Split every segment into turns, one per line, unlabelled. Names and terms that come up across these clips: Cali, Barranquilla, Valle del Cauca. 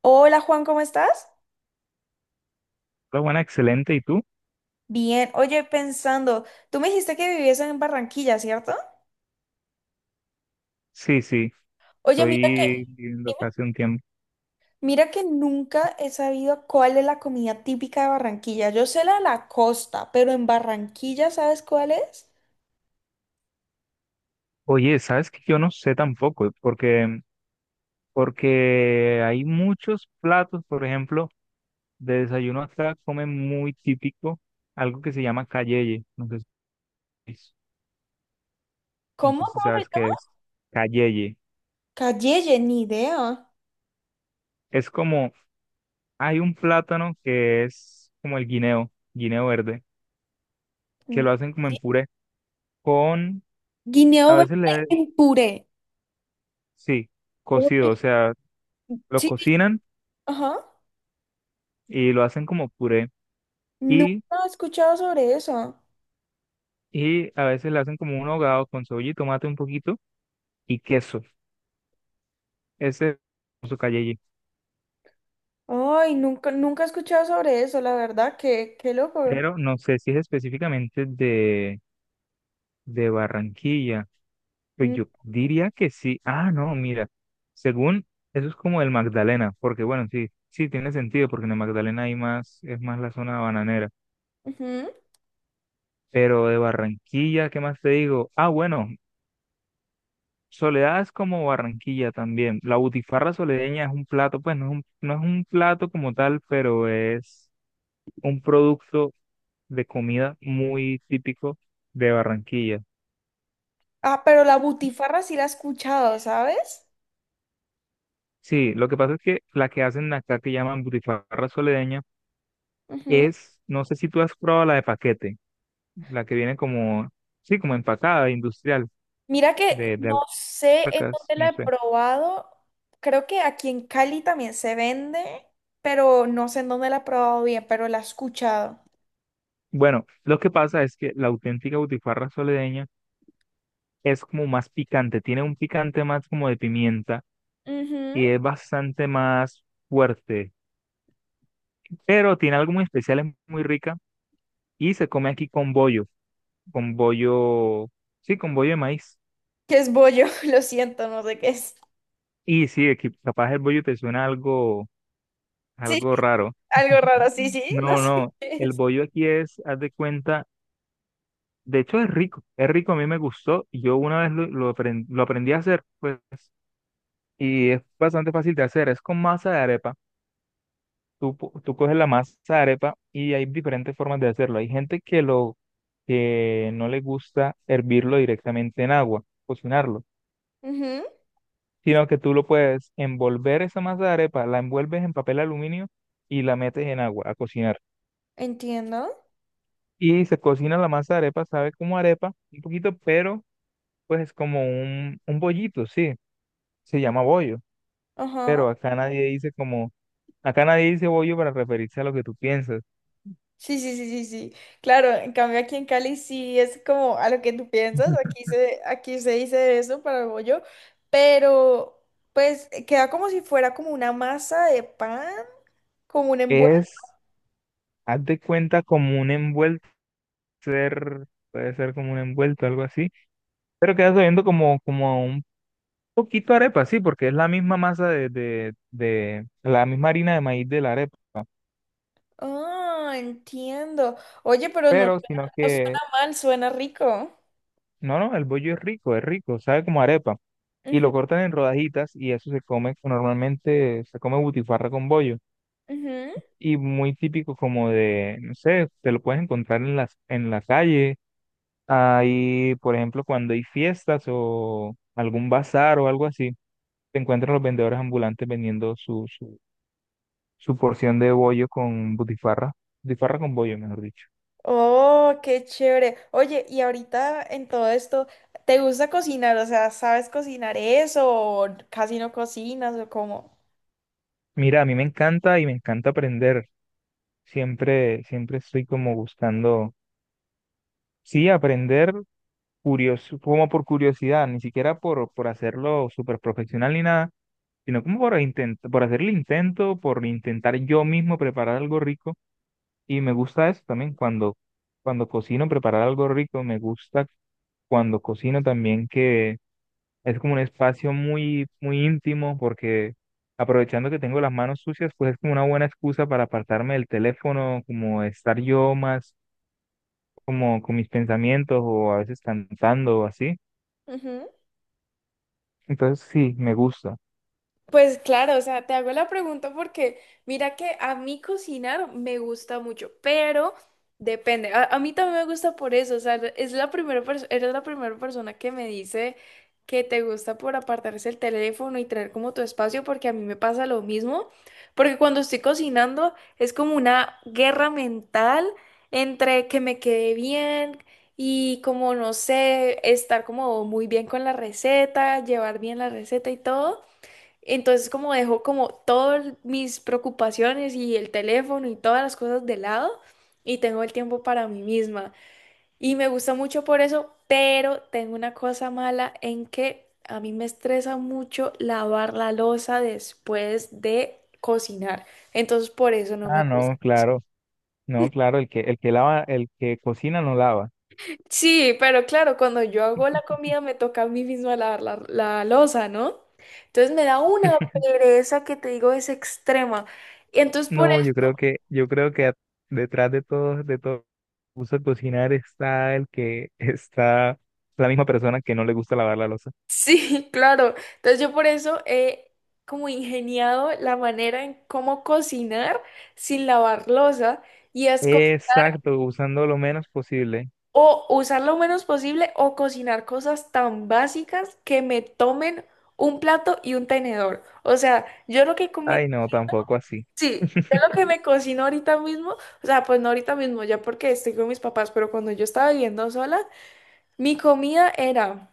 Hola Juan, ¿cómo estás?
Hola, buena, excelente. ¿Y tú?
Bien, oye, pensando, tú me dijiste que vivías en Barranquilla, ¿cierto?
Sí, sí,
Oye,
estoy viviendo
dime.
acá hace un tiempo.
Mira que nunca he sabido cuál es la comida típica de Barranquilla. Yo sé la de la costa, pero en Barranquilla, ¿sabes cuál es?
Oye, ¿sabes que yo no sé tampoco? Porque hay muchos platos, por ejemplo, de desayuno acá comen muy típico algo que se llama cayeye. Si, no
¿Cómo?
sé si
¿Cómo se
sabes qué
llama?
es cayeye.
Calleye, ni idea.
Es como, hay un plátano que es como el guineo, guineo verde, que
Mm.
lo hacen como
gui-
en puré, con, a
Guineo verde
veces le,
en puré.
sí,
Uy,
cocido, o sea, lo
sí, sí,
cocinan
ajá.
y lo hacen como puré
Nunca
y,
he escuchado sobre eso.
y a veces le hacen como un ahogado con cebolla y tomate un poquito y queso. Ese es su cayeye.
Ay, nunca, nunca he escuchado sobre eso, la verdad, qué loco.
Pero no sé si es específicamente de Barranquilla. Pues
Mm.
yo diría que sí. Ah, no, mira. Según eso es como el Magdalena, porque bueno, sí, sí tiene sentido, porque en el Magdalena hay más, es más la zona bananera.
Ujú.
Pero de Barranquilla, ¿qué más te digo? Ah, bueno, Soledad es como Barranquilla también. La butifarra soledeña es un plato, pues no es un plato como tal, pero es un producto de comida muy típico de Barranquilla.
Ah, pero la butifarra sí la he escuchado, ¿sabes?
Sí, lo que pasa es que la que hacen acá que llaman butifarra soledeña
Ujú.
es, no sé si tú has probado la de paquete, la que viene como, sí, como empacada, industrial,
Mira que
de
no sé en
alpacas,
dónde la
no
he
sé.
probado. Creo que aquí en Cali también se vende, pero no sé en dónde la he probado bien, pero la he escuchado.
Bueno, lo que pasa es que la auténtica butifarra soledeña es como más picante, tiene un picante más como de pimienta
Ujú.
y es bastante más fuerte, pero tiene algo muy especial, es muy rica y se come aquí con bollo, sí, con bollo de maíz.
Que es bollo, lo siento, no sé qué es.
Y sí, aquí capaz el bollo te suena algo,
Sí,
algo raro.
algo raro, sí, sí, no
No,
sé
no,
qué
el
es.
bollo aquí es, haz de cuenta, de hecho es rico, a mí me gustó, y yo una vez lo aprendí a hacer, pues, y es bastante fácil de hacer, es con masa de arepa. Tú coges la masa de arepa y hay diferentes formas de hacerlo. Hay gente que no le gusta hervirlo directamente en agua, cocinarlo,
Ujú.
sino que tú lo puedes envolver esa masa de arepa, la envuelves en papel aluminio y la metes en agua a cocinar.
Entiendo.
Y se cocina la masa de arepa, sabe como arepa, un poquito, pero pues es como un bollito, sí, se llama bollo,
Ajá.
pero acá nadie dice bollo para referirse a lo que tú piensas.
Sí, sí, sí, sí, sí. Claro, en cambio aquí en Cali sí es como a lo que tú piensas, aquí se, aquí se dice eso para bollo, pero pues queda como si fuera como una masa de pan, como un envuelto.
Es, haz de cuenta, como un envuelto ser, puede ser como un envuelto, algo así, pero queda sabiendo como a un poquito arepa, sí, porque es la misma masa la misma harina de maíz de la arepa,
Ah, entiendo. Oye, pero no
pero
suena,
sino
no suena
que,
mal, suena rico.
no, no, el bollo es rico, sabe como arepa, y
Ujú,
lo cortan en rodajitas y eso se come, normalmente se come butifarra con bollo,
ujú.
y muy típico como de, no sé, te lo puedes encontrar en la calle, ahí, por ejemplo, cuando hay fiestas o algún bazar o algo así. Se encuentran los vendedores ambulantes vendiendo su porción de bollo con butifarra, butifarra con bollo, mejor dicho.
Oh, qué chévere. Oye, y ahorita en todo esto, ¿te gusta cocinar? O sea, ¿sabes cocinar eso o casi no cocinas o cómo?
Mira, a mí me encanta y me encanta aprender. Siempre, siempre estoy como buscando, sí, aprender curioso, como por curiosidad, ni siquiera por hacerlo súper profesional ni nada, sino como por intento, por hacer el intento, por intentar yo mismo preparar algo rico. Y me gusta eso también cuando cocino, preparar algo rico, me gusta cuando cocino también que Es como un espacio muy, muy íntimo porque aprovechando que tengo las manos sucias, pues es como una buena excusa para apartarme del teléfono, como estar yo más como con mis pensamientos o a veces cantando o así. Entonces sí, me gusta.
Pues claro, o sea, te hago la pregunta porque mira que a mí cocinar me gusta mucho, pero depende. A mí también me gusta por eso, o sea, es la eres la primera persona que me dice que te gusta por apartarse el teléfono y tener como tu espacio, porque a mí me pasa lo mismo, porque cuando estoy cocinando es como una guerra mental entre que me quede bien. Y como no sé, estar como muy bien con la receta, llevar bien la receta y todo. Entonces como dejo como todas mis preocupaciones y el teléfono y todas las cosas de lado y tengo el tiempo para mí misma. Y me gusta mucho por eso, pero tengo una cosa mala en que a mí me estresa mucho lavar la loza después de cocinar. Entonces por eso no me
Ah,
gusta.
no, claro. No, claro, el que lava, el que cocina no lava.
Sí, pero claro, cuando yo hago la comida me toca a mí misma lavar la loza, ¿no? Entonces me da una pereza que te digo es extrema. Y entonces por
No, yo creo que detrás de todo, uso de cocinar está el que está la misma persona que no le gusta lavar la loza.
Sí, claro. Entonces yo por eso he como ingeniado la manera en cómo cocinar sin lavar loza y es co-
Exacto, usando lo menos posible.
o usar lo menos posible o cocinar cosas tan básicas que me tomen un plato y un tenedor. O sea, yo lo que come,
Ay, no, tampoco así.
sí, yo lo que me cocino ahorita mismo, o sea, pues no ahorita mismo, ya porque estoy con mis papás, pero cuando yo estaba viviendo sola, mi comida era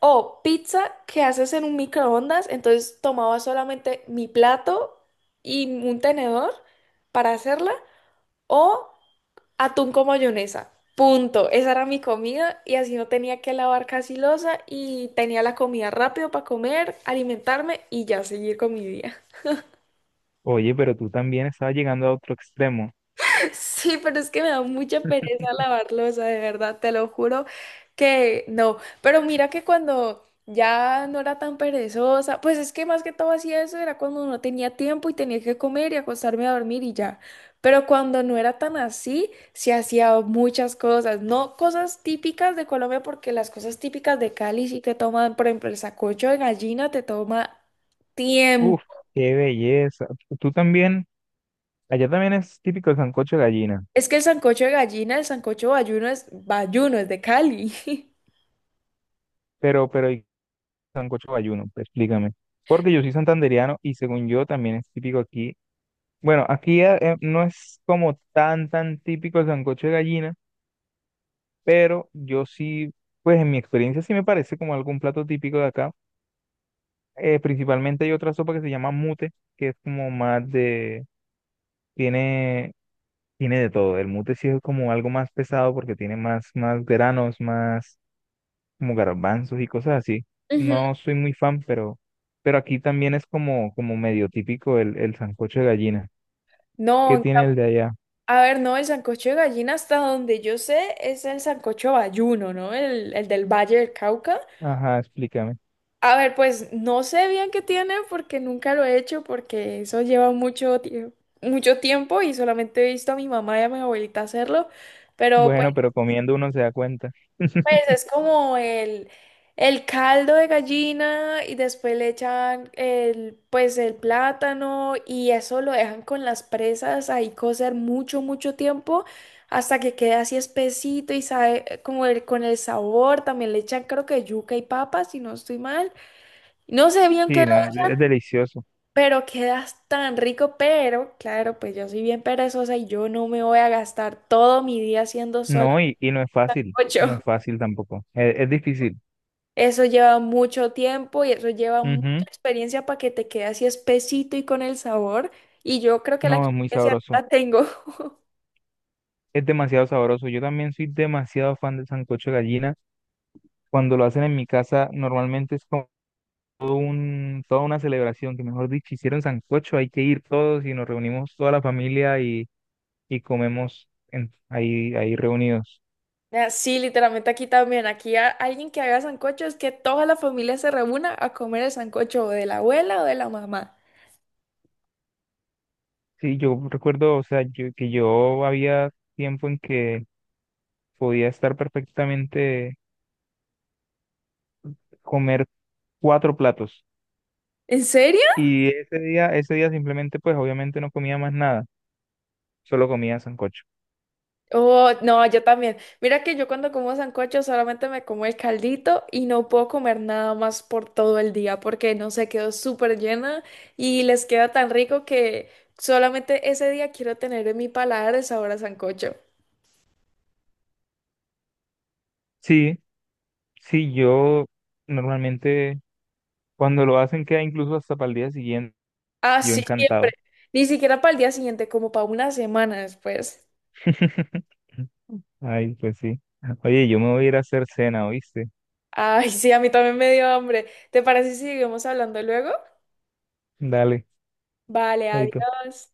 o pizza que haces en un microondas, entonces tomaba solamente mi plato y un tenedor para hacerla. O atún con mayonesa. Punto. Esa era mi comida y así no tenía que lavar casi loza y tenía la comida rápido para comer, alimentarme y ya seguir con mi día.
Oye, pero tú también estabas llegando a otro extremo.
Sí, pero es que me da mucha pereza lavar losa, de verdad, te lo juro que no. Pero mira que cuando ya no era tan perezosa, pues es que más que todo hacía eso, era cuando no tenía tiempo y tenía que comer y acostarme a dormir y ya. Pero cuando no era tan así, se hacía muchas cosas, no cosas típicas de Colombia, porque las cosas típicas de Cali sí te toman, por ejemplo, el sancocho de gallina te toma tiempo.
Uf, qué belleza. Tú también, allá también es típico el sancocho de gallina,
Es que el sancocho de gallina, el sancocho bayuno, es de Cali.
pero el sancocho bayuno, explícame. Porque yo soy santandereano y según yo también es típico aquí. Bueno, aquí no es como tan típico el sancocho de gallina, pero yo sí, pues en mi experiencia sí me parece como algún plato típico de acá. Principalmente hay otra sopa que se llama mute, que es como tiene, tiene de todo. El mute sí es como algo más pesado porque tiene más, más granos, más como garbanzos y cosas así.
Ujú.
No soy muy fan, pero aquí también es como medio típico el sancocho de gallina. ¿Qué
No,
tiene el de allá?
a ver, no, el sancocho de gallina hasta donde yo sé es el sancocho bayuno, ¿no? El del Valle del Cauca.
Ajá, explícame.
A ver, pues no sé bien qué tiene porque nunca lo he hecho porque eso lleva mucho tiempo y solamente he visto a mi mamá y a mi abuelita hacerlo, pero pues
Bueno, pero comiendo uno se da cuenta.
pues es como el caldo de gallina y después le echan el plátano y eso lo dejan con las presas ahí cocer mucho, mucho tiempo hasta que quede así espesito y sabe con el sabor. También le echan creo que yuca y papas, si no estoy mal. No sé bien qué,
Sí,
le-
no, es delicioso.
Pero queda tan rico, pero claro, pues yo soy bien perezosa y yo no me voy a gastar todo mi día haciendo solo
No, y no es fácil, no
ocho.
es fácil tampoco. Es difícil.
Eso lleva mucho tiempo y eso lleva mucha
Ujú.
experiencia para que te quede así espesito y con el sabor. Y yo creo que la
No, es muy
experiencia no
sabroso.
la tengo.
Es demasiado sabroso. Yo también soy demasiado fan del sancocho de gallina. Cuando lo hacen en mi casa, normalmente es como toda una celebración, que mejor dicho, hicieron sancocho, hay que ir todos y nos reunimos toda la familia y comemos ahí reunidos.
Ah, sí, literalmente aquí también. Aquí alguien que haga sancocho es que toda la familia se reúna a comer el sancocho o de la abuela o de la mamá.
Sí, yo recuerdo, o sea, que yo había tiempo en que podía estar perfectamente comer cuatro platos.
¿En serio?
Y ese día simplemente, pues obviamente no comía más nada, solo comía sancocho.
Oh, no, yo también. Mira que yo cuando como sancocho solamente me como el caldito y no puedo comer nada más por todo el día porque no sé, quedo súper llena y les queda tan rico que solamente ese día quiero tener en mi paladar el sabor a sancocho.
Sí, Sí, yo normalmente cuando lo hacen queda incluso hasta para el día siguiente, yo
Así siempre.
encantado.
Ni siquiera para el día siguiente, como para una semana después.
Ay, pues sí. Oye, yo me voy a ir a hacer cena, ¿oíste?
Ay, sí, a mí también me dio hambre. ¿Te parece si seguimos hablando luego?
Dale,
Vale,
chaito.
adiós.